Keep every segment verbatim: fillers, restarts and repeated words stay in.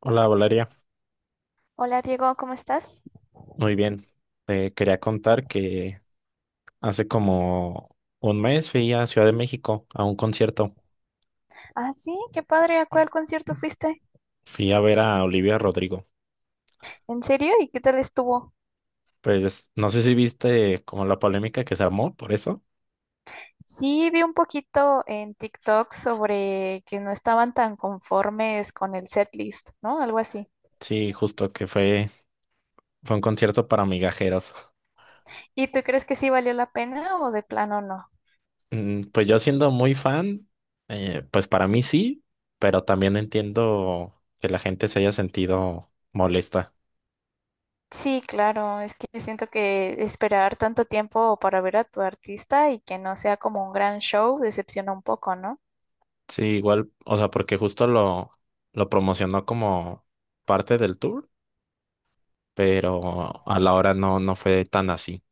Hola Valeria, Hola Diego, ¿cómo estás? muy bien. Te quería contar que hace como un mes fui a Ciudad de México a un concierto. Ah, sí, qué padre, ¿a cuál concierto fuiste? Fui a ver a Olivia Rodrigo. ¿En serio? ¿Y qué tal estuvo? Pues no sé si viste como la polémica que se armó por eso. Sí, vi un poquito en TikTok sobre que no estaban tan conformes con el setlist, ¿no? Algo así. Sí, justo que fue, fue un concierto para migajeros. ¿Y tú crees que sí valió la pena o de plano no? Mm, Pues yo siendo muy fan, eh, pues para mí sí, pero también entiendo que la gente se haya sentido molesta. Sí, claro, es que siento que esperar tanto tiempo para ver a tu artista y que no sea como un gran show decepciona un poco, ¿no? Sí, igual, o sea, porque justo lo, lo promocionó como parte del tour, pero a la hora no, no fue tan así.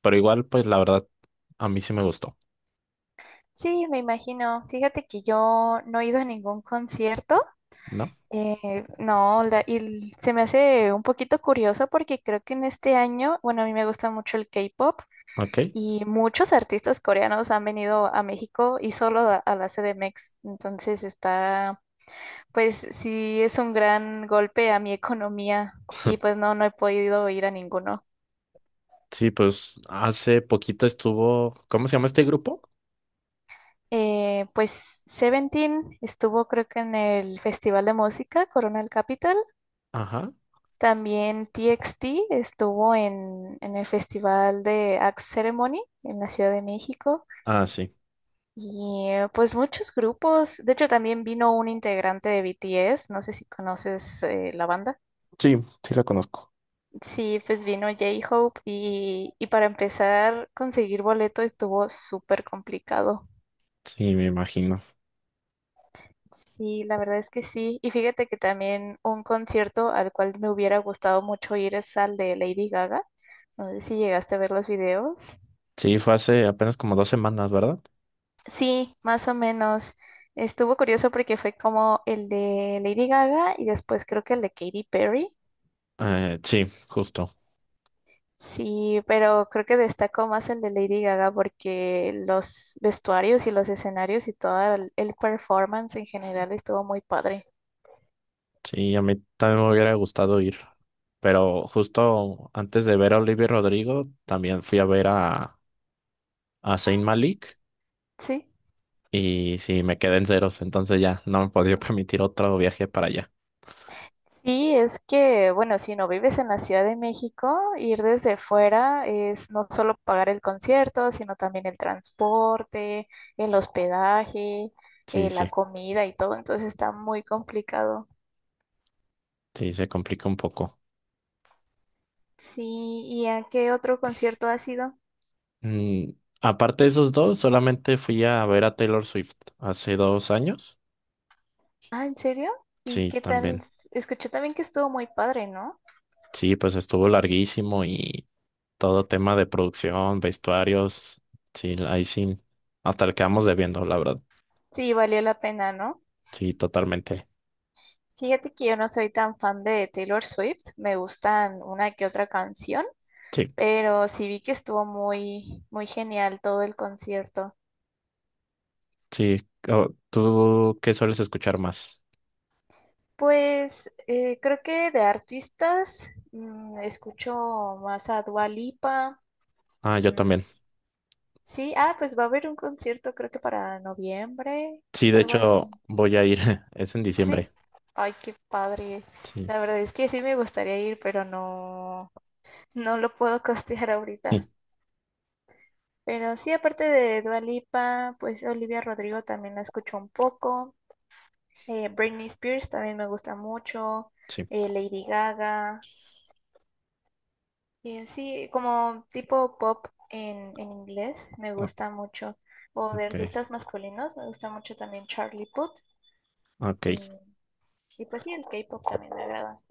Pero igual, pues la verdad, a mí sí me gustó, Sí, me imagino. Fíjate que yo no he ido a ningún concierto. ¿no? Eh, no, la- y l- se me hace un poquito curioso porque creo que en este año, bueno, a mí me gusta mucho el K-pop Ok. y muchos artistas coreanos han venido a México y solo a, a la C D M X. Entonces está, pues sí es un gran golpe a mi economía y pues no, no he podido ir a ninguno. Sí, pues hace poquito estuvo, ¿cómo se llama este grupo? Eh, pues Seventeen estuvo creo que en el Festival de Música Coronel Capital. Ajá. También T X T estuvo en, en el Festival de Axe Ceremony en la Ciudad de México Ah, sí. y eh, pues muchos grupos. De hecho, también vino un integrante de B T S, no sé si conoces eh, la banda. Sí, sí la conozco. Sí, pues vino J-Hope y, y para empezar, conseguir boleto estuvo súper complicado. Sí, me imagino. Sí, la verdad es que sí. Y fíjate que también un concierto al cual me hubiera gustado mucho ir es al de Lady Gaga. No sé si llegaste a ver los videos. Sí, fue hace apenas como dos semanas, ¿verdad? Sí, más o menos. Estuvo curioso porque fue como el de Lady Gaga y después creo que el de Katy Perry. Eh, sí, justo. Sí, pero creo que destacó más el de Lady Gaga porque los vestuarios y los escenarios y todo el el performance en general estuvo muy padre. Sí, a mí también me hubiera gustado ir, pero justo antes de ver a Olivia Rodrigo, también fui a ver a, a Zayn Malik Sí. y sí, me quedé en ceros, entonces ya no me podía permitir otro viaje para allá. Sí, es que, bueno, si no vives en la Ciudad de México, ir desde fuera es no solo pagar el concierto, sino también el transporte, el hospedaje, Sí, eh, la sí, comida y todo, entonces está muy complicado. sí, se complica un poco. Sí, ¿y a qué otro concierto has ido? Mm, Aparte de esos dos, solamente fui a ver a Taylor Swift hace dos años. Ah, ¿en serio? ¿Y Sí, qué tal? también. Escuché también que estuvo muy padre, ¿no? Sí, pues estuvo larguísimo y todo tema de producción, vestuarios, sí, ahí sí, hasta le quedamos debiendo, la verdad. Sí, valió la pena, ¿no? Sí, totalmente. Fíjate que yo no soy tan fan de Taylor Swift, me gustan una que otra canción, Sí, pero sí vi que estuvo muy, muy genial todo el concierto. sí. Oh, ¿tú qué sueles escuchar más? Pues eh, creo que de artistas mm, escucho más a Dua Lipa. Ah, yo mm, también. sí, ah, pues va a haber un concierto creo que para noviembre, Sí, de algo así. hecho, voy a ir. Es en Sí, diciembre. ay, qué padre. Sí, La verdad es que sí me gustaría ir, pero no, no lo puedo costear sí, ahorita. Pero sí, aparte de Dua Lipa, pues Olivia Rodrigo también la escucho un poco. Eh, Britney Spears también me gusta mucho, sí. eh, Lady Gaga, y en sí, como tipo pop en, en inglés me Ah, gusta mucho, o de ok, artistas masculinos me gusta mucho también Charlie Puth, y, ok. y pues sí, el K-pop también me agrada.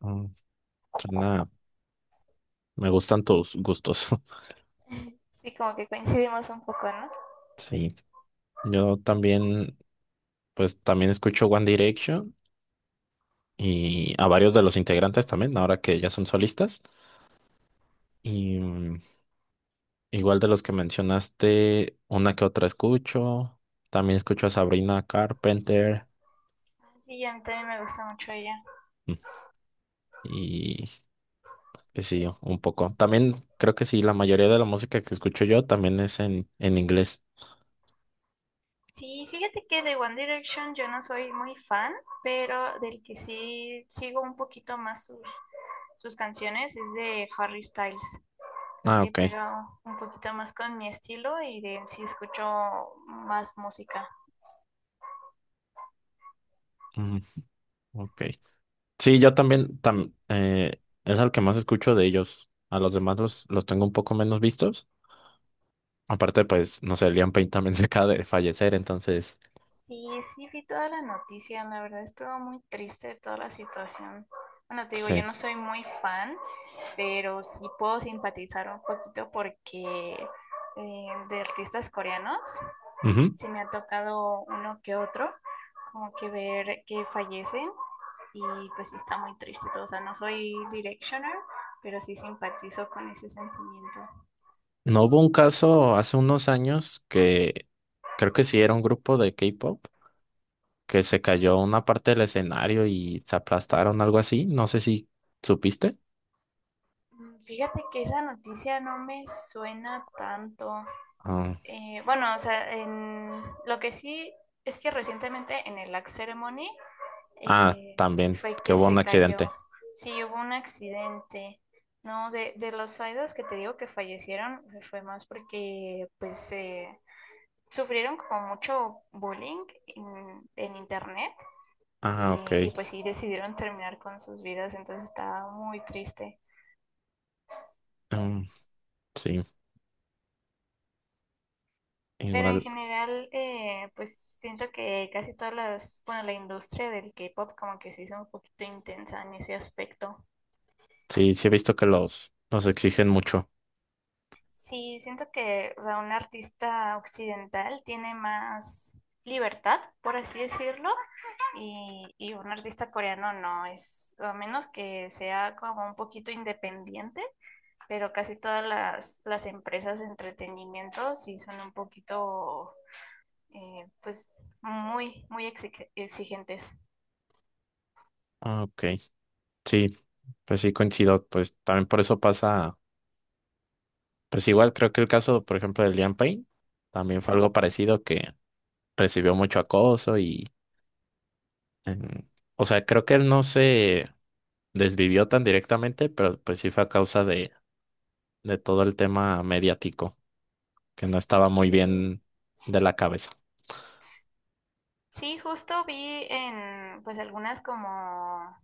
Mm, suena- Me gustan tus gustos. Sí, como que coincidimos un poco, ¿no? Sí. Yo también, pues también escucho One Direction y a varios de los integrantes también, ahora que ya son solistas. Y mm, igual de los que mencionaste, una que otra escucho. También escucho a Sabrina Carpenter. Sí, a mí también me gusta mucho ella. Mm. Y pues sí, un poco. También creo que sí, la mayoría de la música que escucho yo también es en, en inglés. Sí, fíjate que de One Direction yo no soy muy fan, pero del que sí sigo un poquito más sus, sus canciones es de Harry Styles. Creo Ah, que ok. pega un poquito más con mi estilo y de sí escucho más música. Mm, ok. Sí, yo también tam- eh, es al que más escucho de ellos. A los demás los, los tengo un poco menos vistos. Acaparte, pues, no sé, Liam Payne también se acaba de fallecer, entonces, Sí, sí vi toda la noticia, la verdad estuvo muy triste toda la situación. Bueno, te digo, sí. yo no soy muy fan, pero sí puedo simpatizar un poquito porque eh, de artistas coreanos Ujú. sí me ha tocado uno que otro, como que ver que fallecen y pues sí está muy triste todo. O sea, no soy Directioner, pero sí simpatizo con ese sentimiento. ¿No hubo un caso hace unos años que creo que sí era un grupo de K-pop que se cayó una parte del escenario y se aplastaron, algo así? No sé si supiste. Mm, fíjate que esa noticia no me suena tanto. Ah, Eh, bueno, o sea, en- lo que sí es que recientemente en el Axe Ceremony ah, eh, también, fue que que hubo un se cayó. accidente. Sí, hubo un accidente. No, de, de los idols que te digo que fallecieron, eh, fue más porque pues eh, sufrieron como mucho bullying en, en internet y, Ah, ok. y pues sí decidieron terminar con sus vidas, entonces estaba muy triste. Mm, sí, Pero en igual. general, eh, pues siento que casi todas las, bueno, la industria del K-pop como que se hizo un poquito intensa en ese aspecto. Sí, sí he visto que los, los exigen mucho. Sí, siento que, o sea, un artista occidental tiene más libertad, por así decirlo, y, y un artista coreano no es, a menos que sea como un poquito independiente, pero casi todas las, las empresas de entretenimiento sí son un poquito, eh, pues, muy, muy exige- exigentes. Ah, ok. Sí, pues sí coincido. Pues también por eso pasa. Pues igual creo que el caso, por ejemplo, de Liam Payne también fue Sí, algo parecido, que recibió mucho acoso y. em, o sea, creo que él no se desvivió tan directamente, pero pues sí fue a causa de de todo el tema mediático, que no estaba muy sí, bien de la cabeza. sí, justo vi en pues algunas como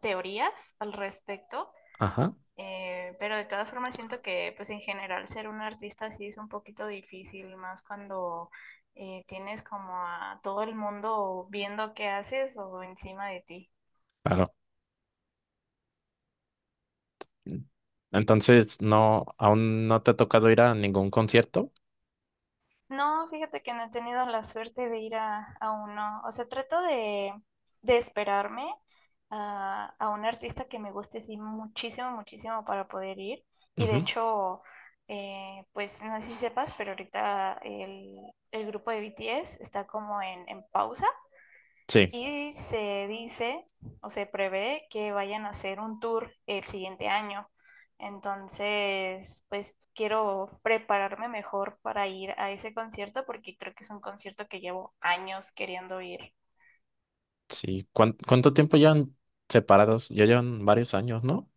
teorías al respecto, Ajá, eh, pero de todas formas siento que pues en general ser un artista sí es un poquito difícil, más cuando eh, tienes como a todo el mundo viendo qué haces o encima de ti. claro. Entonces, no, aún no te ha tocado ir a ningún concierto. No, fíjate que no he tenido la suerte de ir a, a uno. O sea, trato de, de esperarme a, a un artista que me guste sí, muchísimo, muchísimo para poder ir. Y de Ujú, hecho, eh, pues no sé si sepas, pero ahorita el, el grupo de B T S está como en, en pausa. sí, Y se dice o se prevé que vayan a hacer un tour el siguiente año. Entonces, pues quiero prepararme mejor para ir a ese concierto porque creo que es un concierto que llevo años queriendo ir. sí. ¿Cuán- ¿Cuánto tiempo llevan separados? Ya llevan varios años, ¿no?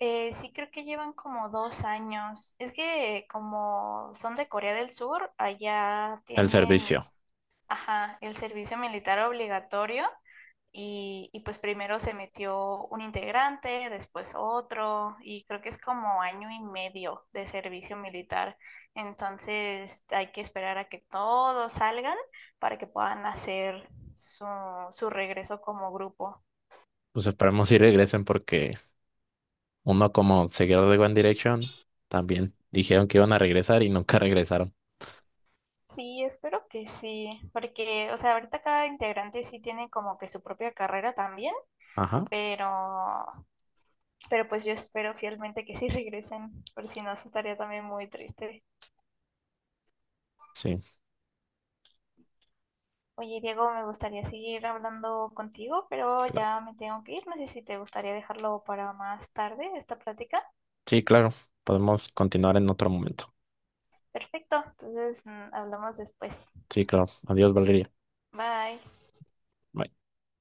Eh, sí creo que llevan como dos años. Es que como son de Corea del Sur, allá El tienen, servicio. ajá, el servicio militar obligatorio. Y, y pues primero se metió un integrante, después otro, y creo que es como año y medio de servicio militar. Entonces hay que esperar a que todos salgan para que puedan hacer su, su regreso como grupo. Pues esperemos si regresen porque uno como seguidor de One Direction también dijeron que iban a regresar y nunca regresaron. Sí, espero que sí, porque, o sea, ahorita cada integrante sí tiene como que su propia carrera también, Ajá, pero, pero pues yo espero fielmente que sí regresen, por si no, sí estaría también muy triste. sí, Oye, Diego, me gustaría seguir hablando contigo, pero claro. ya me tengo que ir. No sé si te gustaría dejarlo para más tarde, esta plática. Sí, claro. Podemos continuar en otro momento. Perfecto, entonces mm, hablamos después. Sí, claro. Adiós, Valeria. Bye. Bye.